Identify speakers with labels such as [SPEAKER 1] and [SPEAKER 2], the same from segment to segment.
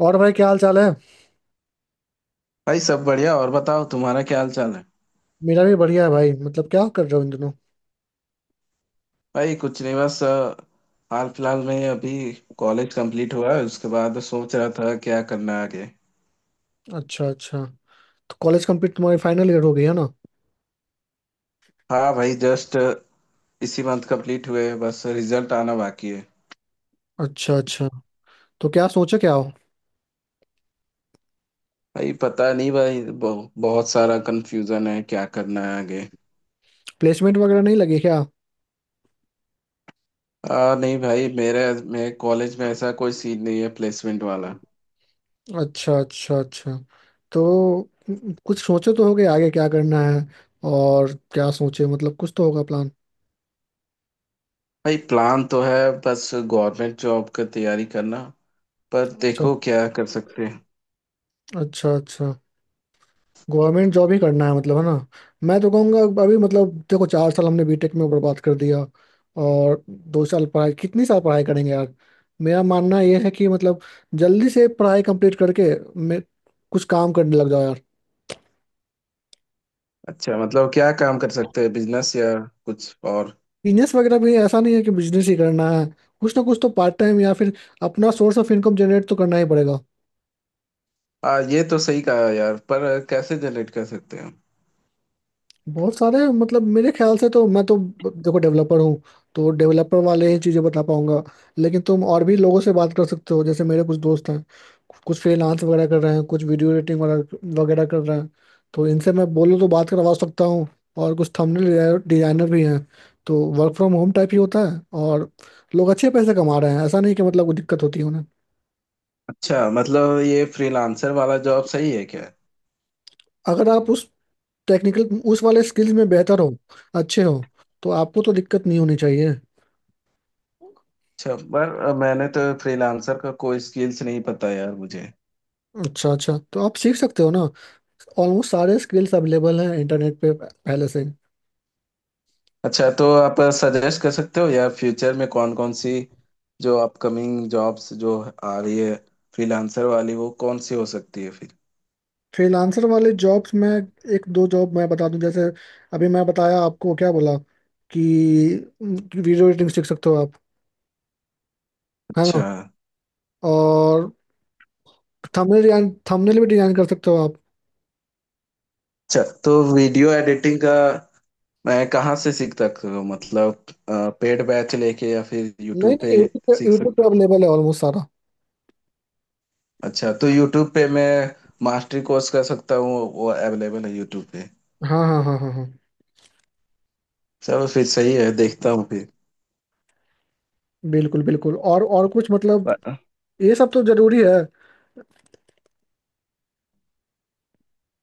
[SPEAKER 1] और भाई क्या हाल चाल है?
[SPEAKER 2] भाई सब बढ़िया और बताओ तुम्हारा क्या हाल चाल है।
[SPEAKER 1] मेरा भी बढ़िया है भाई। मतलब क्या कर रहे हो इन दिनों?
[SPEAKER 2] भाई कुछ नहीं बस हाल फिलहाल में अभी कॉलेज कंप्लीट हुआ है उसके बाद सोच रहा था क्या करना है आगे।
[SPEAKER 1] अच्छा अच्छा। तो कॉलेज कंप्लीट, तुम्हारी फाइनल ईयर हो गई है ना?
[SPEAKER 2] हाँ भाई जस्ट इसी मंथ कंप्लीट हुए बस रिजल्ट आना बाकी है।
[SPEAKER 1] अच्छा अच्छा। तो क्या सोचे क्या हो?
[SPEAKER 2] भाई पता नहीं भाई बहुत सारा कंफ्यूजन है क्या करना है आगे।
[SPEAKER 1] प्लेसमेंट वगैरह नहीं लगी क्या?
[SPEAKER 2] नहीं भाई मेरे मेरे कॉलेज में ऐसा कोई सीन नहीं है प्लेसमेंट वाला।
[SPEAKER 1] अच्छा अच्छा अच्छा। तो कुछ सोचे तो होगे आगे क्या करना है? और क्या सोचे? मतलब कुछ तो होगा प्लान।
[SPEAKER 2] भाई प्लान तो है बस गवर्नमेंट जॉब का तैयारी करना पर
[SPEAKER 1] अच्छा
[SPEAKER 2] देखो क्या कर सकते हैं।
[SPEAKER 1] अच्छा अच्छा। गवर्नमेंट जॉब ही करना है मतलब, है ना? मैं तो कहूँगा अभी मतलब देखो, चार साल हमने बीटेक में बर्बाद कर दिया। और दो साल पढ़ाई, कितनी साल पढ़ाई करेंगे यार। मेरा मानना यह है कि मतलब जल्दी से पढ़ाई कंप्लीट करके मैं कुछ काम करने लग जाओ यार।
[SPEAKER 2] अच्छा मतलब क्या काम कर सकते हैं बिजनेस या कुछ और।
[SPEAKER 1] बिजनेस वगैरह भी ऐसा नहीं है कि बिजनेस ही करना है। कुछ ना कुछ तो पार्ट टाइम या फिर अपना सोर्स ऑफ इनकम जनरेट तो करना ही पड़ेगा।
[SPEAKER 2] ये तो सही कहा यार पर कैसे जनरेट कर सकते हैं।
[SPEAKER 1] बहुत सारे, मतलब मेरे ख्याल से तो मैं तो देखो डेवलपर हूँ, तो डेवलपर वाले ही चीज़ें बता पाऊंगा। लेकिन तुम और भी लोगों से बात कर सकते हो। जैसे मेरे कुछ दोस्त हैं, कुछ फ्रीलांस वगैरह कर रहे हैं, कुछ वीडियो एडिटिंग वगैरह वगैरह कर रहे हैं। तो इनसे मैं बोलूँ तो बात करवा सकता हूँ। और कुछ थंबनेल डिजाइनर भी हैं। तो वर्क फ्रॉम होम टाइप ही होता है, और लोग अच्छे पैसे कमा रहे हैं। ऐसा नहीं कि मतलब कोई दिक्कत होती है उन्हें।
[SPEAKER 2] अच्छा मतलब ये फ्रीलांसर वाला जॉब सही है क्या?
[SPEAKER 1] अगर आप उस टेक्निकल उस वाले स्किल्स में बेहतर हो, अच्छे हो, तो आपको तो दिक्कत नहीं होनी चाहिए।
[SPEAKER 2] अच्छा पर मैंने तो फ्रीलांसर का कोई स्किल्स नहीं पता यार मुझे।
[SPEAKER 1] अच्छा अच्छा। तो आप सीख सकते हो ना। ऑलमोस्ट सारे स्किल्स अवेलेबल हैं इंटरनेट पे पहले से।
[SPEAKER 2] अच्छा तो आप सजेस्ट कर सकते हो यार फ्यूचर में कौन कौन सी जो अपकमिंग जॉब्स जो आ रही है फ्रीलांसर वाली वो कौन सी हो सकती है फिर?
[SPEAKER 1] फ्रीलांसर वाले जॉब्स में एक दो जॉब मैं बता दूं। जैसे अभी मैं बताया आपको, क्या बोला कि वीडियो एडिटिंग सीख सकते हो आप, है
[SPEAKER 2] अच्छा।
[SPEAKER 1] ना? और थंबनेल डिजाइन, थंबनेल भी डिजाइन कर सकते हो आप।
[SPEAKER 2] अच्छा तो वीडियो एडिटिंग का मैं कहाँ से सीख सकता हूँ मतलब पेड बैच लेके या फिर यूट्यूब
[SPEAKER 1] नहीं
[SPEAKER 2] पे
[SPEAKER 1] नहीं, यूट्यूब पे
[SPEAKER 2] सीख
[SPEAKER 1] यूट्यूब
[SPEAKER 2] सकता
[SPEAKER 1] पे
[SPEAKER 2] हूँ?
[SPEAKER 1] अवेलेबल है ऑलमोस्ट सारा।
[SPEAKER 2] अच्छा तो यूट्यूब पे मैं मास्टरी कोर्स कर सकता हूँ वो अवेलेबल है यूट्यूब पे।
[SPEAKER 1] हाँ हाँ हाँ हाँ हाँ।
[SPEAKER 2] चलो फिर सही है देखता हूँ फिर।
[SPEAKER 1] बिल्कुल बिल्कुल। और कुछ मतलब,
[SPEAKER 2] पर,
[SPEAKER 1] ये सब तो जरूरी है।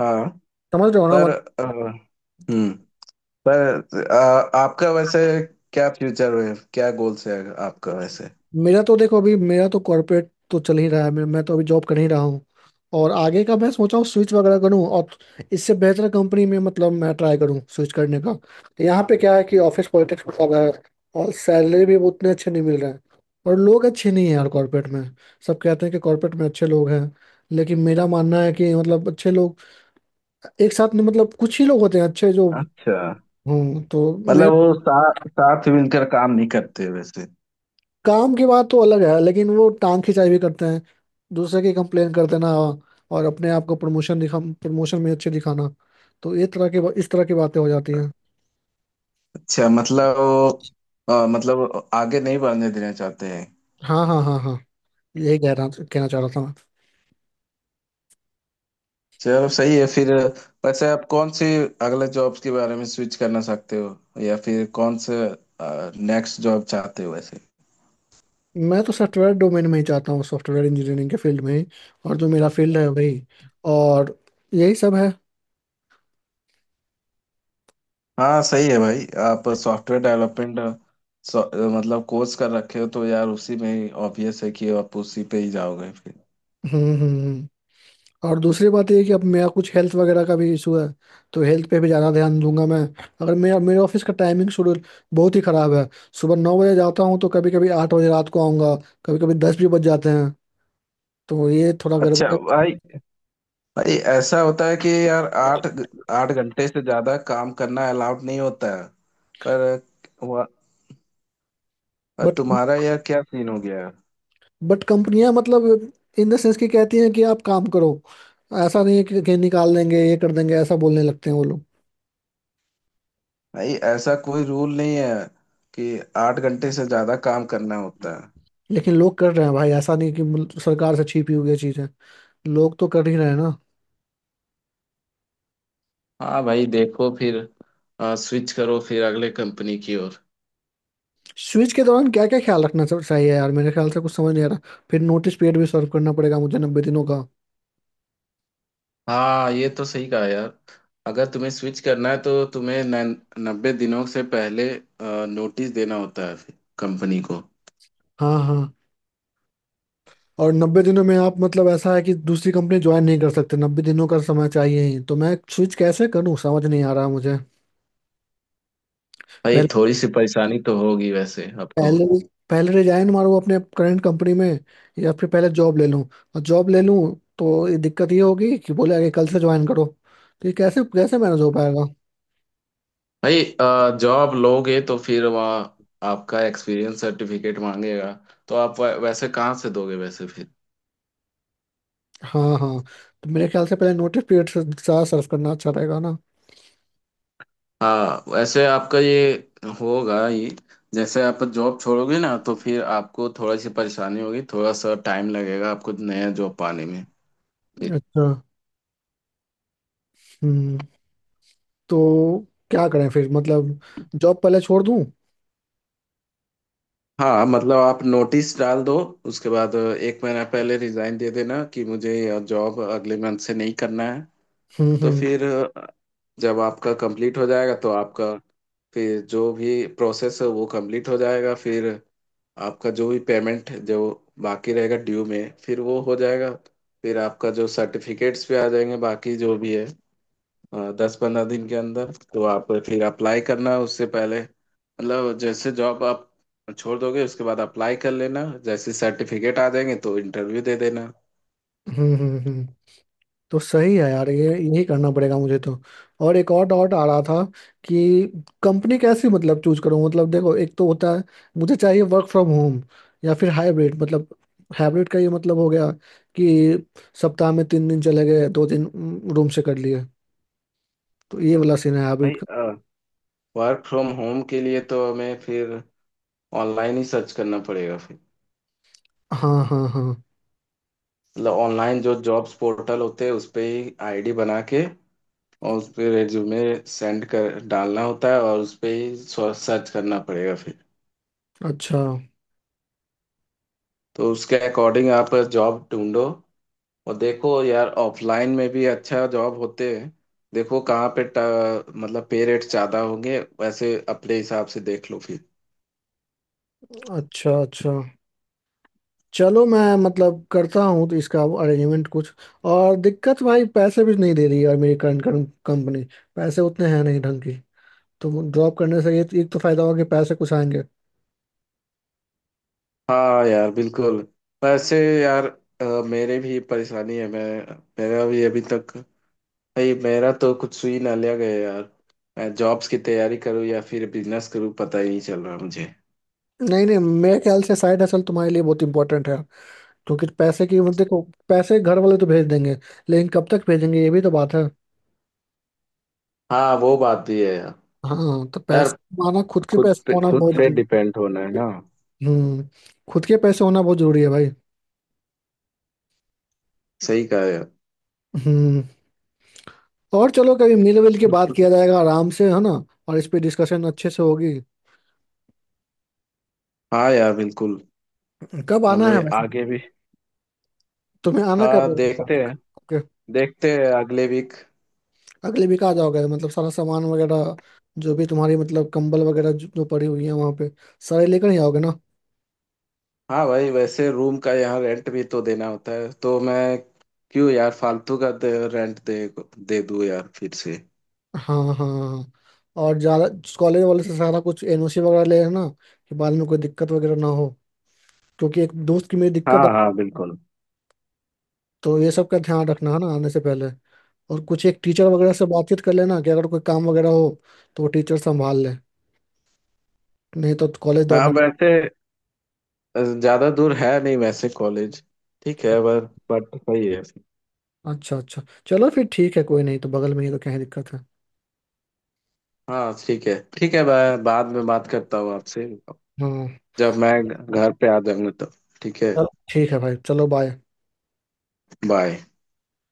[SPEAKER 2] हाँ।
[SPEAKER 1] समझ रहे हो ना?
[SPEAKER 2] पर अ, हम्म पर आपका वैसे क्या फ्यूचर है क्या गोल्स है आपका वैसे?
[SPEAKER 1] मेरा तो देखो अभी, मेरा तो कॉर्पोरेट तो चल ही रहा है। मैं तो अभी जॉब कर ही रहा हूँ। और आगे का मैं सोचा हूँ स्विच वगैरह करूँ, और इससे बेहतर कंपनी में मतलब मैं ट्राई करूँ स्विच करने का। यहाँ पे क्या है कि ऑफिस पॉलिटिक्स बहुत ज्यादा है, और सैलरी भी उतने अच्छे नहीं मिल रहे हैं। और लोग अच्छे नहीं हैं यार कॉर्पोरेट में। सब कहते हैं कि कॉर्पोरेट में अच्छे लोग हैं। लेकिन मेरा मानना है कि मतलब अच्छे लोग एक साथ में मतलब कुछ ही लोग होते हैं अच्छे जो।
[SPEAKER 2] अच्छा
[SPEAKER 1] हूँ, तो मेरा
[SPEAKER 2] मतलब वो साथ साथ मिलकर काम नहीं करते वैसे?
[SPEAKER 1] काम की बात तो अलग है, लेकिन वो टांग खिंचाई भी करते हैं। दूसरे की कंप्लेन कर देना, और अपने आप को प्रमोशन दिखा, प्रमोशन में अच्छे दिखाना। तो ये तरह की बा- इस तरह की बातें हो जाती हैं।
[SPEAKER 2] अच्छा मतलब वो मतलब आगे नहीं बढ़ने देना चाहते हैं।
[SPEAKER 1] हाँ हाँ हाँ हाँ। यही कह रहा कहना चाह रहा था।
[SPEAKER 2] चलो सही है फिर। वैसे आप कौन से अगले जॉब्स के बारे में स्विच करना चाहते हो या फिर कौन से नेक्स्ट जॉब चाहते हो वैसे?
[SPEAKER 1] मैं तो सॉफ्टवेयर डोमेन में ही चाहता हूँ, सॉफ्टवेयर इंजीनियरिंग के फील्ड में ही। और जो मेरा फील्ड है वही। और यही सब है।
[SPEAKER 2] हाँ सही है भाई आप सॉफ्टवेयर डेवलपमेंट मतलब कोर्स कर रखे हो तो यार उसी में ही ऑब्वियस है कि आप उसी पे ही जाओगे फिर।
[SPEAKER 1] हम्म हम्म हम्म। और दूसरी बात ये है कि अब मेरा कुछ हेल्थ वगैरह का भी इशू है। तो हेल्थ पे भी ज़्यादा ध्यान दूंगा मैं। अगर मेरा मेरे ऑफिस का टाइमिंग शेड्यूल बहुत ही ख़राब है। सुबह 9 बजे जाता हूँ, तो कभी कभी 8 बजे रात को आऊँगा। कभी कभी 10 भी बज जाते हैं। तो ये थोड़ा गड़बड़
[SPEAKER 2] अच्छा
[SPEAKER 1] है।
[SPEAKER 2] भाई। भाई ऐसा होता है कि यार आठ 8 घंटे से ज्यादा काम करना अलाउड नहीं होता है। पर वह- पर
[SPEAKER 1] बट
[SPEAKER 2] तुम्हारा यार क्या सीन हो गया?
[SPEAKER 1] बट कंपनियां मतलब इन द सेंस की कहती हैं कि आप काम करो। ऐसा नहीं है कि निकाल देंगे, ये कर देंगे, ऐसा बोलने लगते हैं वो लोग।
[SPEAKER 2] भाई ऐसा कोई रूल नहीं है कि 8 घंटे से ज्यादा काम करना होता है।
[SPEAKER 1] लेकिन लोग कर रहे हैं भाई। ऐसा नहीं कि सरकार से छिपी हुई ये चीज़ है। लोग तो कर ही रहे हैं ना।
[SPEAKER 2] हाँ भाई देखो फिर स्विच करो फिर अगले कंपनी की ओर।
[SPEAKER 1] स्विच के दौरान क्या क्या ख्याल रखना चाहिए यार, मेरे ख्याल से कुछ समझ नहीं आ रहा। फिर नोटिस पीरियड भी सर्व करना पड़ेगा मुझे, 90 दिनों का।
[SPEAKER 2] हाँ ये तो सही कहा यार। अगर तुम्हें स्विच करना है तो तुम्हें 90 दिनों से पहले नोटिस देना होता है फिर कंपनी को।
[SPEAKER 1] हाँ हाँ। और 90 दिनों में आप मतलब, ऐसा है कि दूसरी कंपनी ज्वाइन नहीं कर सकते। 90 दिनों का समय चाहिए ही, तो मैं स्विच कैसे करूँ? समझ नहीं आ रहा मुझे।
[SPEAKER 2] भाई
[SPEAKER 1] पहले
[SPEAKER 2] थोड़ी सी परेशानी तो होगी वैसे आपको।
[SPEAKER 1] पहले पहले रिजाइन मारूँ अपने करंट कंपनी में, या फिर पहले जॉब ले लूँ। और जॉब ले लूँ तो ये दिक्कत ये होगी कि बोले आगे कल से ज्वाइन करो, तो ये कैसे कैसे मैनेज हो पाएगा।
[SPEAKER 2] भाई जॉब लोगे तो फिर वहाँ आपका एक्सपीरियंस सर्टिफिकेट मांगेगा तो आप वैसे कहाँ से दोगे वैसे?
[SPEAKER 1] हाँ हाँ। तो मेरे ख्याल से पहले नोटिस पीरियड से ज़्यादा सर्व करना अच्छा रहेगा ना।
[SPEAKER 2] हाँ वैसे आपका ये होगा ये जैसे आप जॉब छोड़ोगे ना तो फिर आपको थोड़ी सी परेशानी होगी थोड़ा सा टाइम लगेगा आपको नया जॉब पाने में।
[SPEAKER 1] अच्छा। हम्म। तो क्या करें फिर? मतलब जॉब पहले छोड़ दूं?
[SPEAKER 2] हाँ मतलब आप नोटिस डाल दो उसके बाद एक महीना पहले रिजाइन दे देना कि मुझे यह जॉब अगले मंथ से नहीं करना है।
[SPEAKER 1] हम्म
[SPEAKER 2] तो
[SPEAKER 1] हम्म
[SPEAKER 2] फिर जब आपका कंप्लीट हो जाएगा तो आपका फिर जो भी प्रोसेस है वो कंप्लीट हो जाएगा फिर। आपका जो भी पेमेंट जो बाकी रहेगा ड्यू में फिर वो हो जाएगा। फिर आपका जो सर्टिफिकेट्स भी आ जाएंगे बाकी जो भी है 10-15 दिन के अंदर तो आप फिर अप्लाई करना उससे पहले मतलब जैसे जॉब आप छोड़ दोगे उसके बाद अप्लाई कर लेना जैसे सर्टिफिकेट आ जाएंगे तो इंटरव्यू दे देना।
[SPEAKER 1] हम्म हम्म हम्म। तो सही है यार, ये यही करना पड़ेगा मुझे तो। और एक और डाउट आ रहा था कि कंपनी कैसी मतलब चूज करूं। मतलब देखो, एक तो होता है मुझे चाहिए वर्क फ्रॉम होम या फिर हाइब्रिड। मतलब हाइब्रिड का ये मतलब हो गया कि सप्ताह में 3 दिन चले गए, 2 दिन रूम से कर लिए। तो ये वाला सीन है
[SPEAKER 2] भाई
[SPEAKER 1] हाइब्रिड का।
[SPEAKER 2] वर्क फ्रॉम होम के लिए तो हमें फिर ऑनलाइन ही सर्च करना पड़ेगा फिर।
[SPEAKER 1] हाँ हाँ हाँ।
[SPEAKER 2] मतलब ऑनलाइन जो जॉब्स पोर्टल होते हैं उस पे ही आईडी बना के और उस पे रिज्यूमे सेंड कर डालना होता है और उस पे ही सर्च करना पड़ेगा फिर।
[SPEAKER 1] अच्छा
[SPEAKER 2] तो उसके अकॉर्डिंग आप जॉब ढूंढो। और देखो यार ऑफलाइन में भी अच्छा जॉब होते हैं। देखो कहाँ पे मतलब पे रेट ज़्यादा होंगे वैसे अपने हिसाब से देख लो फिर।
[SPEAKER 1] अच्छा अच्छा। चलो मैं मतलब करता हूँ तो इसका अरेंजमेंट कुछ। और दिक्कत भाई, पैसे भी नहीं दे रही यार मेरी करंट कंपनी। पैसे उतने हैं नहीं ढंग की। तो ड्रॉप करने से ये एक तो फायदा होगा कि पैसे कुछ आएंगे।
[SPEAKER 2] हाँ यार बिल्कुल। वैसे यार मेरे भी परेशानी है। मैं मेरा भी अभी तक भाई मेरा तो कुछ सुई ना लिया गया यार। मैं जॉब्स की तैयारी करूँ या फिर बिजनेस करूँ पता ही नहीं चल रहा मुझे।
[SPEAKER 1] नहीं नहीं, मेरे ख्याल से साइड हसल तुम्हारे लिए बहुत इंपॉर्टेंट है। क्योंकि पैसे की, मतलब देखो, पैसे घर वाले तो भेज देंगे, लेकिन कब तक भेजेंगे ये भी तो बात है।
[SPEAKER 2] हाँ वो बात भी है यार।
[SPEAKER 1] हाँ तो
[SPEAKER 2] यार
[SPEAKER 1] पैसे, माना खुद के
[SPEAKER 2] खुद
[SPEAKER 1] पैसे
[SPEAKER 2] पे
[SPEAKER 1] होना
[SPEAKER 2] खुद
[SPEAKER 1] बहुत
[SPEAKER 2] से
[SPEAKER 1] जरूरी-
[SPEAKER 2] डिपेंड होना है ना।
[SPEAKER 1] हम्म। खुद के पैसे होना बहुत जरूरी है भाई।
[SPEAKER 2] सही कहा यार।
[SPEAKER 1] हम्म। और चलो कभी मिल विल के बात किया जाएगा आराम से, है ना। और इस पे डिस्कशन अच्छे से होगी।
[SPEAKER 2] हाँ यार बिल्कुल।
[SPEAKER 1] कब आना है
[SPEAKER 2] हमें
[SPEAKER 1] वैसे?
[SPEAKER 2] आगे भी।
[SPEAKER 1] तुम्हें आना कब है?
[SPEAKER 2] हाँ देखते हैं।
[SPEAKER 1] ओके।
[SPEAKER 2] देखते हैं अगले वीक।
[SPEAKER 1] अगले वीक आ जाओगे? मतलब सारा सामान वगैरह, जो भी तुम्हारी मतलब कंबल वगैरह जो जो पड़ी हुई है वहाँ पे, सारे लेकर ही आओगे ना?
[SPEAKER 2] हाँ भाई वैसे रूम का यहाँ रेंट भी तो देना होता है तो मैं क्यों यार फालतू का रेंट दे दे दूँ यार फिर से।
[SPEAKER 1] हाँ हाँ हाँ। हाँ। और ज़्यादा, कॉलेज वाले से सारा कुछ एनओसी वगैरह ले लेना, कि बाद में कोई दिक्कत वगैरह ना हो। क्योंकि एक दोस्त की मेरी दिक्कत आ-
[SPEAKER 2] हाँ हाँ बिल्कुल।
[SPEAKER 1] तो ये सब का ध्यान रखना है ना आने से पहले। और कुछ एक टीचर वगैरह से बातचीत कर लेना कि अगर कोई काम वगैरह हो तो वो टीचर संभाल ले। नहीं तो कॉलेज
[SPEAKER 2] हाँ
[SPEAKER 1] दौड़ना।
[SPEAKER 2] वैसे ज्यादा दूर है नहीं वैसे कॉलेज। ठीक है पर बट सही है।
[SPEAKER 1] अच्छा अच्छा। चलो फिर ठीक है, कोई नहीं, तो बगल में ही तो क्या ही दिक्कत है।
[SPEAKER 2] हाँ ठीक है मैं बाद में बात करता हूँ आपसे।
[SPEAKER 1] हाँ
[SPEAKER 2] जब मैं घर पे आ जाऊंगा तब ठीक है।
[SPEAKER 1] चलो ठीक है भाई, चलो बाय।
[SPEAKER 2] बाय।